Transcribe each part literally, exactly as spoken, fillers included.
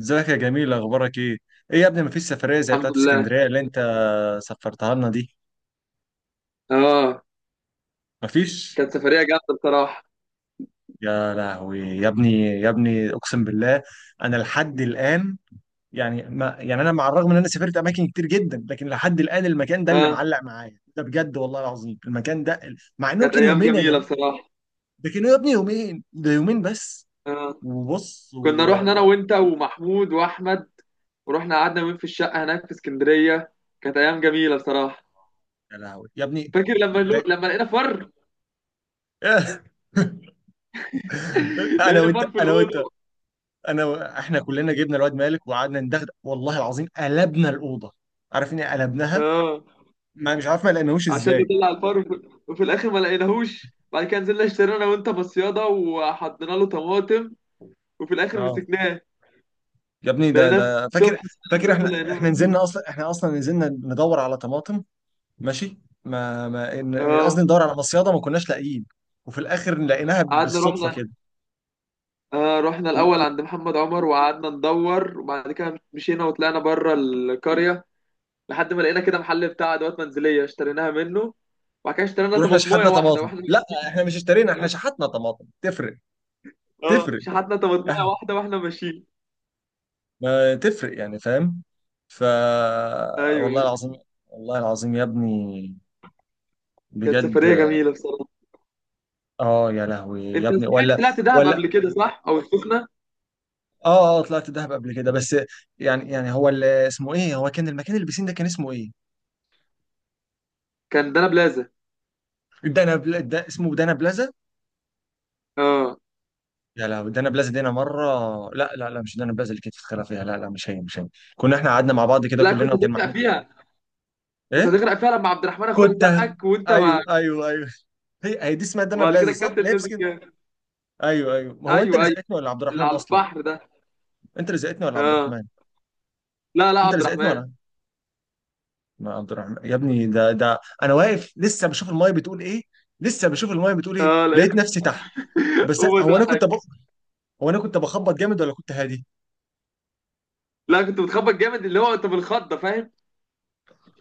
ازيك يا جميل؟ اخبارك ايه؟ ايه يا ابني، مفيش سفريه زي الحمد بتاعت لله. اسكندريه اللي انت سفرتها لنا دي. اه. مفيش. كانت سفرية جامدة بصراحة. يا لهوي يا ابني، يا ابني اقسم بالله انا لحد الان، يعني ما يعني انا مع الرغم ان انا سافرت اماكن كتير جدا، لكن لحد الان المكان ده اللي اه، معلق معايا ده، بجد والله العظيم المكان ده ال- مع انهم كانت كانوا أيام يومين يا جميلة جميل. بصراحة. ده كانوا يا ابني يومين، ده يومين بس. اه، وبص و... كنا رحنا أنا و... وأنت ومحمود وأحمد، ورحنا قعدنا يومين في الشقة هناك في اسكندرية. كانت أيام جميلة بصراحة. يا لهوي يا ابني، فاكر لما لو... ده... لما لقينا فر؟ انا لقينا وانت فر في انا وانت الأوضة. انا و- احنا كلنا جبنا الواد مالك وقعدنا ندغدغ، والله العظيم قلبنا الاوضه. عارف اني قلبناها. اه، ما مش عارف ما لقيناهوش عشان ازاي. نطلع الفر وفي... وفي الآخر ما لقيناهوش. بعد كده نزلنا اشترينا أنا وأنت مصيادة وحطينا له طماطم، وفي الآخر اه مسكناه. يا ابني ده لقيناه ده فاكر. الصبح. فاكر الصبح احنا لقيناه احنا مسكناه. نزلنا اصلا، احنا اصلا نزلنا ندور على طماطم. ماشي. ما ما إن- اه. قصدي ندور على مصيده ما كناش لاقيين، وفي الاخر لقيناها قعدنا بالصدفه رحنا. كده. آه، رحنا و- الأول و- عند محمد عمر وقعدنا ندور، وبعد كده مشينا وطلعنا بره القرية لحد ما لقينا كده محل بتاع أدوات منزلية اشتريناها منه. وبعد كده اشترينا ورحنا طماطماية شحتنا واحدة طماطم، واحنا لا ماشيين. احنا مش اشترينا، احنا شحتنا طماطم. تفرق. اه، تفرق. شحتنا طماطماية واحدة واحنا ماشيين. ما تفرق يعني، فاهم؟ ف ايوه، والله أيوة. العظيم، والله العظيم يا ابني، كانت بجد. سفرية جميلة بصراحة. اه يا لهوي يا انت ابني. صحيح ولا. طلعت دهب قبل ولا. كده، صح؟ او السخنة؟ اه اه، طلعت دهب قبل كده بس. يعني يعني هو اللي اسمه ايه، هو كان المكان اللي بيسين ده كان اسمه ايه؟ كان ده انا بلازا. دانا بلا دا اسمه دانا بلازا. اه. يا لهوي دانا بلازا دي انا مره. لا لا لا، مش دانا بلازا اللي كانت في الخلا فيها، لا لا، مش هي مش هي. كنا احنا قعدنا مع بعض كده لا، كلنا، كنت وكان هتغرق محمود. فيها. كنت ايه؟ هتغرق فيها لما عبد الرحمن اخويا كنت. زقك وانت ما... ايوه ايوه ايوه، هي هي دي اسمها دانا وبعد كده بلازا، صح؟ الكابتن اللي هي في. نزل جاب. ايوه ايوه، ما هو انت اللي ايوه ايوه. زقتني ولا عبد اللي الرحمن على اصلا؟ البحر ده. انت اللي زقتني ولا عبد اه. الرحمن؟ لا لا، انت عبد اللي زقتني الرحمن. ولا؟ ما عبد الرحمن يا ابني، ده ده انا واقف لسه بشوف المايه بتقول ايه، لسه بشوف المايه بتقول ايه اه، لقيت. لقيت نفسي تحت. بس هو هو انا كنت ب... دقك. هو انا كنت بخبط جامد ولا كنت هادي؟ لا، كنت بتخبط جامد، اللي هو انت بالخضه، فاهم؟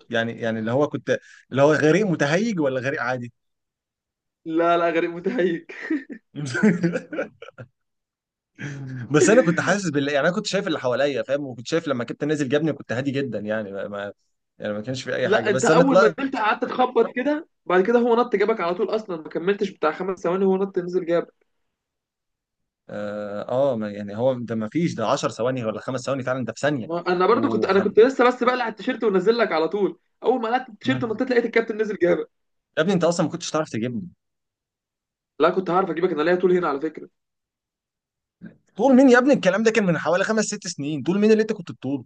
يعني يعني اللي هو كنت اللي هو غريق متهيج ولا غريق عادي؟ لا لا، غريب متهيج. بس انا كنت حاسس بال، يعني انا كنت شايف اللي حواليا فاهم، وكنت شايف لما كنت نازل جبني كنت هادي جدا، يعني ما... ما- يعني ما كانش في اي حاجه، لا، انت بس انا اول ما طلعت. نزلت قعدت تخبط كده، بعد كده هو نط جابك على طول. اصلا ما كملتش بتاع خمس ثواني هو نط نزل جابك. اه آه، ما- يعني هو ده ما فيش ده عشر ثواني ولا خمس ثواني، فعلا ده في ثانيه. ما- انا برضو كنت، انا وحر. كنت لسه بس بقلع التيشيرت ونزل لك على طول. اول ما قلعت التيشيرت مم. ونطيت لقيت الكابتن نزل جابك. يا ابني انت اصلا ما كنتش تعرف تجيبني. لا، كنت هعرف اجيبك، انا ليا طول هنا على فكره. طول مين يا ابني، الكلام ده كان من حوالي خمس ست سنين، طول مين اللي انت كنت بتطوله؟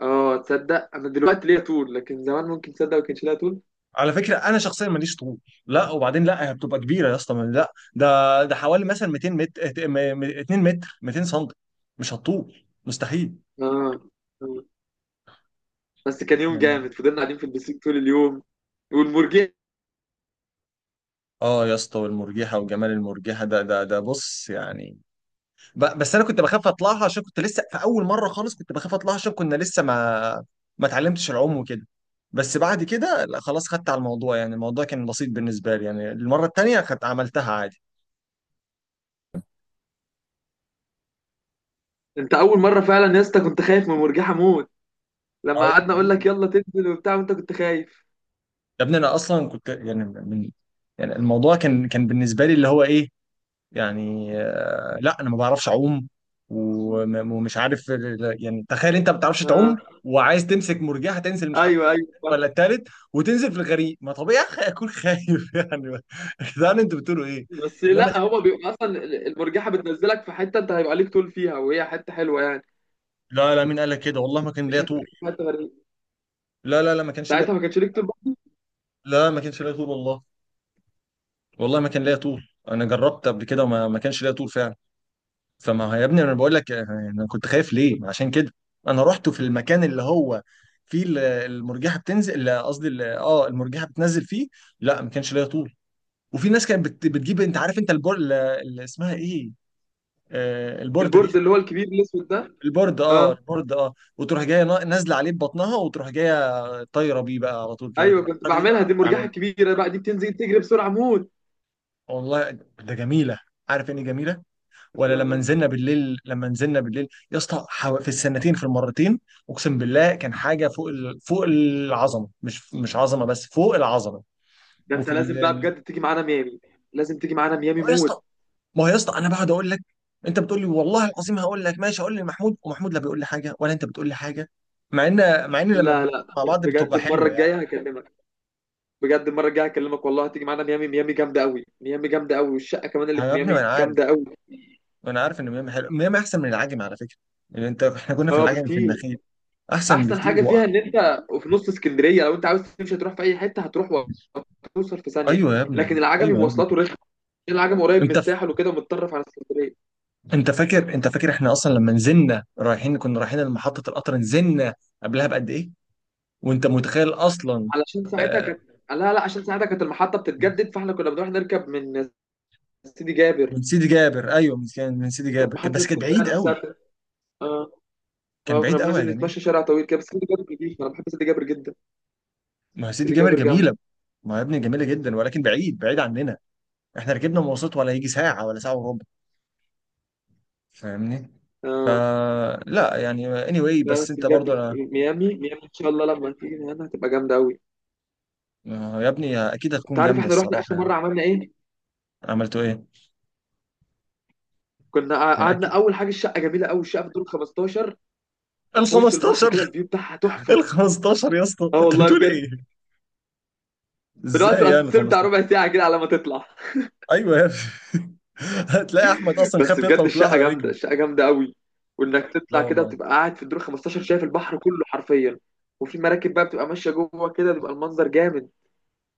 اه، تصدق انا دلوقتي ليا طول، لكن زمان ممكن تصدق ما كانش ليا طول. على فكره انا شخصيا ماليش طول. لا وبعدين لا، هي بتبقى كبيره يا اسطى، ما- لا ده ده حوالي مثلا مئتين متر، اتنين متر، مئتين سم. مش هتطول، مستحيل. اه. آه. بس كان يوم يعني. جامد، فضلنا قاعدين في البسيك طول اليوم والمرجية. اه يا اسطى، والمرجحه وجمال المرجحه، ده ده ده بص يعني، ب- بس انا كنت بخاف اطلعها عشان كنت لسه في اول مره خالص، كنت بخاف اطلعها عشان كنا لسه ما ما اتعلمتش العوم وكده. بس بعد كده لا خلاص، خدت على الموضوع، يعني الموضوع كان بسيط بالنسبه لي، يعني المره التانيه خدت عملتها عادي. انت اول مره فعلا يا اسطى كنت خايف من مرجحه موت. لما اه يا قعدنا اقول ابني، لك يلا تنزل وبتاع وانت كنت خايف. يا ابني انا اصلا كنت يعني من، يعني الموضوع كان كان بالنسبه لي اللي هو ايه، يعني آه، لا انا ما بعرفش اعوم، وم- ومش عارف ال- ال- يعني تخيل انت ما بتعرفش اه. تعوم وعايز تمسك مرجحة تنزل، مش عارف ايوه ايوه، فاهم. ولا التالت، وتنزل في الغريق، ما طبيعي أخ- اكون خايف. يعني يا جدعان انتوا بتقولوا ايه؟ بس انما لا، تاني، هو بيبقى اصلا المرجحه بتنزلك في حته انت هيبقى ليك طول فيها، وهي حته حلوه يعني. لا لا، مين قال لك كده؟ والله ما كان مش ليا طول. هتبقى في حته غريبه. لا لا لا، ما كانش ليا. ساعتها ما كانش ليك طول بقى. لا ما كانش ليا طول والله، والله ما كان ليا طول، انا جربت قبل كده وما ما كانش ليا طول فعلا. فما هو يا ابني انا بقول لك آه، انا كنت خايف ليه عشان كده. انا رحت في المكان اللي هو فيه ال- المرجحه بتنزل، اللي قصدي ال- اه المرجحه بتنزل فيه، لا ما كانش ليا طول. وفي ناس كانت بت- بتجيب، انت عارف انت البور ال- اللي اسمها ايه، آه البورده دي البورد اسمها اللي هو إيه؟ الكبير الاسود ده. البورد، اه اه، البورد، اه، وتروح جايه نا- نازله عليه ببطنها وتروح جايه طايره بيه بقى على طول كده، ايوه، كده كنت الحركه دي كنت بعملها دي المرجحه بعملها. الكبيره بقى، دي بتنزل تجري بسرعه موت. والله ده جميله، عارف يعني إيه جميله؟ كنت ولا لما بعملها. نزلنا بالليل، لما نزلنا بالليل يا اسطى، حو- في السنتين في المرتين، اقسم بالله كان حاجه فوق ال... فوق العظمه، مش مش عظمه بس، فوق العظمه. ده انت وفي ال... لازم بقى ال- بجد تيجي معانا ميامي. لازم تيجي معانا ميامي اه يا موت. اسطى. ما هو يا اسطى انا بقعد اقول لك، انت بتقول لي والله العظيم هقول لك ماشي، اقول لمحمود، ومحمود لا بيقول لي حاجه ولا انت بتقول لي حاجه، مع ان مع ان لما لا لا، بنكون مع بعض بجد بتبقى المره حلوه يعني. الجايه هكلمك. بجد المره الجايه هكلمك والله هتيجي معانا ميامي. ميامي جامده قوي. ميامي جامده قوي، والشقه كمان اللي في يا ابني ما ميامي انا عارف، جامده قوي. ما انا عارف ان ميامي حلوه، ميامي احسن من العجم على فكره. يعني انت احنا كنا في اه، العجم في بكتير. النخيل. احسن احسن بكتير حاجه وأ- فيها ان انت في نص اسكندريه، لو انت عاوز تمشي تروح في اي حته هتروح وتوصل في ثانيه. ايوه يا لكن ابني، العجمي ايوه يا ابني. مواصلاته رخمه، عشان العجمي قريب من انت الساحل وكده ومتطرف على اسكندريه. انت فاكر انت فاكر احنا اصلا لما نزلنا رايحين كنا رايحين لمحطة القطر، نزلنا قبلها بقد ايه، وانت متخيل اصلا. علشان ساعتها آه، كانت... لا لا، عشان ساعتها كانت المحطه بتتجدد، فاحنا كنا بنروح نركب من سيدي جابر. من سيدي جابر، ايوه من سيدي، من سيدي كانت جابر كان، محطه بس كان بعيد اسكندريه نفسها قوي، بت- اه. كان اه، كنا بعيد قوي يا بننزل جميل. نتمشى شارع طويل كده، بس سيدي جابر جديد، انا بحب سيدي جابر جدا. ما هو سيدي سيدي جابر جابر جامد. جميلة، ما هو يا ابني جميلة جدا، ولكن بعيد بعيد عننا، احنا ركبنا مواصلات ولا يجي ساعة ولا ساعة وربع، فاهمني؟ آه. فلا يعني anyway، لا بس بس انت بجد برضو انا ميامي، ميامي ان شاء الله لما تيجي هنا هتبقى جامده قوي. آه، يا ابني اكيد انت هتكون عارف جامدة احنا رحنا الصراحة اخر يعني. مره عملنا ايه؟ عملتوا ايه؟ كنا قع- يعني قعدنا. اكيد. اول حاجه، الشقه جميله قوي، الشقه في الدور خمستاشر، ال وفي وش البحر خمستاشر. كده، الفيو بتاعها ال تحفه. خمستاشر يا اسطى اه، انت والله بتقول بجد. ايه؟ بنقعد في ازاي يعني الاسانسير بتاع خمستاشر؟ ربع ساعه كده على ما تطلع. ايوه يا ابني. هتلاقي احمد اصلا بس خاف بجد يطلع وطلع الشقه على جامده، رجله. الشقه جامده قوي. وانك لا تطلع كده والله. وتبقى قاعد في الدور خمستاشر شايف البحر كله حرفيا، وفي مراكب بقى بتبقى ماشيه جوه كده، بيبقى المنظر جامد.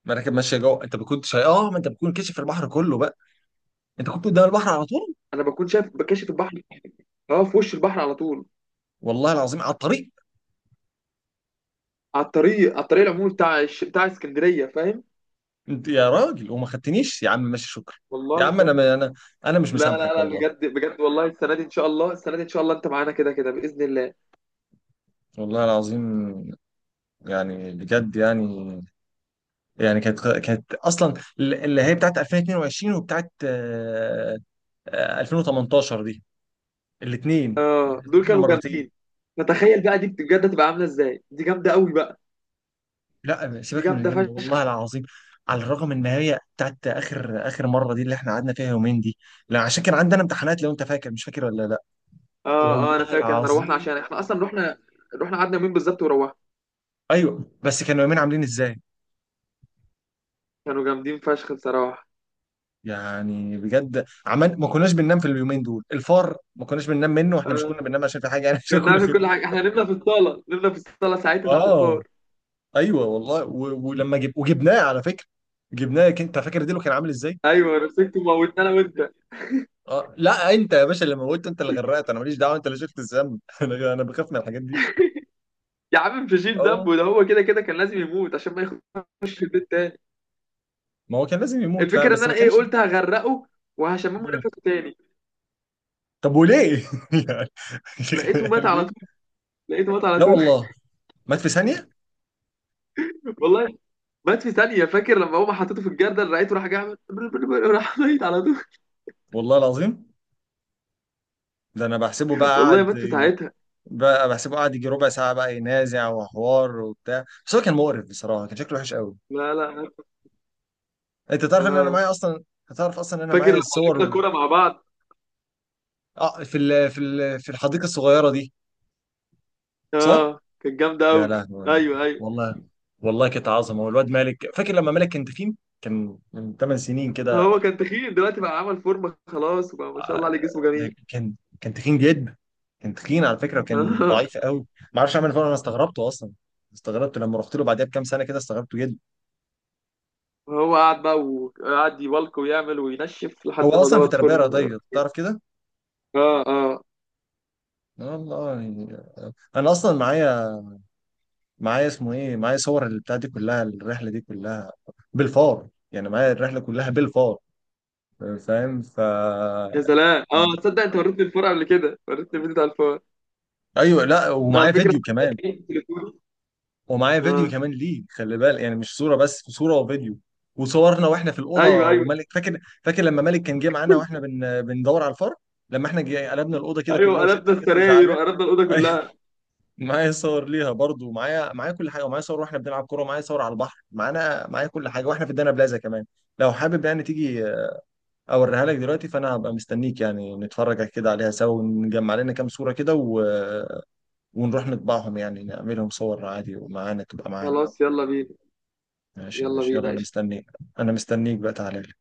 ما انا كان ماشيه جوه، انت ما كنتش، اه ما انت بتكون كشف البحر كله بقى، انت كنت قدام البحر على طول. انا بكون شايف، بكاشف البحر. اه، في وش البحر على طول، والله العظيم، على الطريق. على الطريق، على الطريق العمومي بتاع الش- بتاع اسكندريه، فاهم؟ انت يا راجل وما خدتنيش يا عم، ماشي شكرا. والله يا عم بجد. انا انا، انا مش لا مسامحك لا لا، والله. بجد بجد والله السنه دي ان شاء الله، السنه دي ان شاء الله انت معانا كده كده باذن الله. والله العظيم، يعني بجد يعني، يعني كانت كانت اصلا اللي هي بتاعت الفين واتنين وعشرين، وبتاعت آه، آه، الفين وتمنتاشر دي، الاثنين، اه، دول كسبنا كانوا مرتين. جامدين. فتخيل بقى دي بجد هتبقى عامله ازاي، دي جامده قوي بقى. لا دي سيبك من جامده الجامده والله فشخ. العظيم. على الرغم ان هي بتاعت اخر اخر مره دي اللي احنا قعدنا فيها يومين دي. لا عشان كان عندنا امتحانات، لو انت فاكر مش فاكر ولا لا. اه اه، انا والله فاكر احنا روحنا العظيم. عشان احنا اصلا رحنا، رحنا قعدنا يومين بالظبط وروحنا. ايوه بس كانوا يومين عاملين ازاي، كانوا جامدين فشخ بصراحه. يعني بجد عمل؟ ما كناش بننام في اليومين دول، الفار ما كناش بننام منه، واحنا مش اه، كنا بننام عشان في حاجه يعني، عشان كنا كنا بنعمل خايفين كل من حاجه، احنا الفار. نمنا في الصاله، نمنا في الصاله ساعتها ساعه اه، الفار. ايوه والله و... ولما جب... وجبناه على فكره، جبناه، انت فاكر ديلو كان عامل ازاي؟ ايوه، مسكت موتنا انا وانت. اه لا، انت يا باشا اللي موته، انت اللي غرقت، انا ماليش دعوه، انت اللي شفت الذنب انا انا بخاف من الحاجات دي. يا عم مش هشيل اه. ذنبه ده، هو كده كده كان لازم يموت عشان ما يخش في البيت. ما هو كان لازم يموت فعلا، الفكره ان بس ما انا ايه، كانش قلت هغرقه وهشممه مم. نفسه تاني. طب وليه؟ لقيته مات يعني على طول. ليه؟ لقيته مات على لا طول. والله، مات في ثانيه. والله مات في ثانيه. فاكر لما هو حطيته في الجردل لقيته راح جاي عمل راح ميت على طول. والله العظيم، ده انا بحسبه بقى والله قاعد، مات في ساعتها. بقى بحسبه قاعد يجي ربع ساعه بقى ينازع وحوار وبتاع، بس هو كان مقرف بصراحه، كان شكله وحش قوي. لا لا، مات. انت تعرف ان انا اه. معايا اصلا، هتعرف اصلا ان انا فاكر معايا لما لعبنا الصور. كوره مع بعض. اه في ال... في ال... في الحديقه الصغيره دي. صح؟ اه، كانت جامده يا قوي. لهوي، ايوه ايوه. والله، والله كانت عظمه. والواد مالك، فاكر لما مالك كان تخين، كان من تمن سنين كده. هو كان تخين، دلوقتي بقى عمل فورمه خلاص وبقى ما شاء الله آه، عليه جسمه جميل. ده كان، كان تخين جدا، كان تخين على فكره، وكان اه. ضعيف قوي. ما اعرفش اعمل فورمه، انا استغربته اصلا، استغربته لما رحت له بعدها بكام سنه كده، استغربته جدا. هو قعد بقى وقعد يبلك ويعمل وينشف هو لحد ما اصلا في ظبط تربيه فورمه. رياضيه تعرف كده. اه اه. والله يعني. انا اصلا معايا، معايا اسمه ايه معايا صور البتاع دي كلها، الرحله دي كلها بالفار، يعني معايا الرحله كلها بالفار، فاهم؟ ف يا سلام. يعني، اه تصدق انت وريتني الفور قبل كده، وريتني الفيديو بتاع الفور ايوه لا، على ومعايا فكره. فيديو كمان، ومعايا فيديو اه. كمان ليه، خلي بالك يعني، مش صوره بس، صوره وفيديو، وصورنا واحنا في ايوه الاوضه، ايوه ومالك فاكر، فاكر لما مالك كان جه معانا واحنا بن... بندور على الفرق، لما احنا جي... قلبنا الاوضه كده ايوه، كلها، وست قلبنا جت السراير زعلان وقلبنا الاوضه ايوه. كلها. معايا صور ليها برضو، معايا، معايا كل حاجه، ومعايا صور واحنا بنلعب كوره، ومعايا صور على البحر معانا، معايا كل حاجه واحنا في الدانا بلازا كمان. لو حابب يعني تيجي اوريها لك دلوقتي، فانا هبقى مستنيك يعني، نتفرج كده عليها سوا، ونجمع لنا كام صوره كده و... ونروح نطبعهم، يعني نعملهم صور عادي، ومعانا تبقى معانا. خلاص يلا بينا. ماشي يلا ماشي يلا، بينا، انا قشطه. مستنيك، انا مستنيك بقى تعالى لي.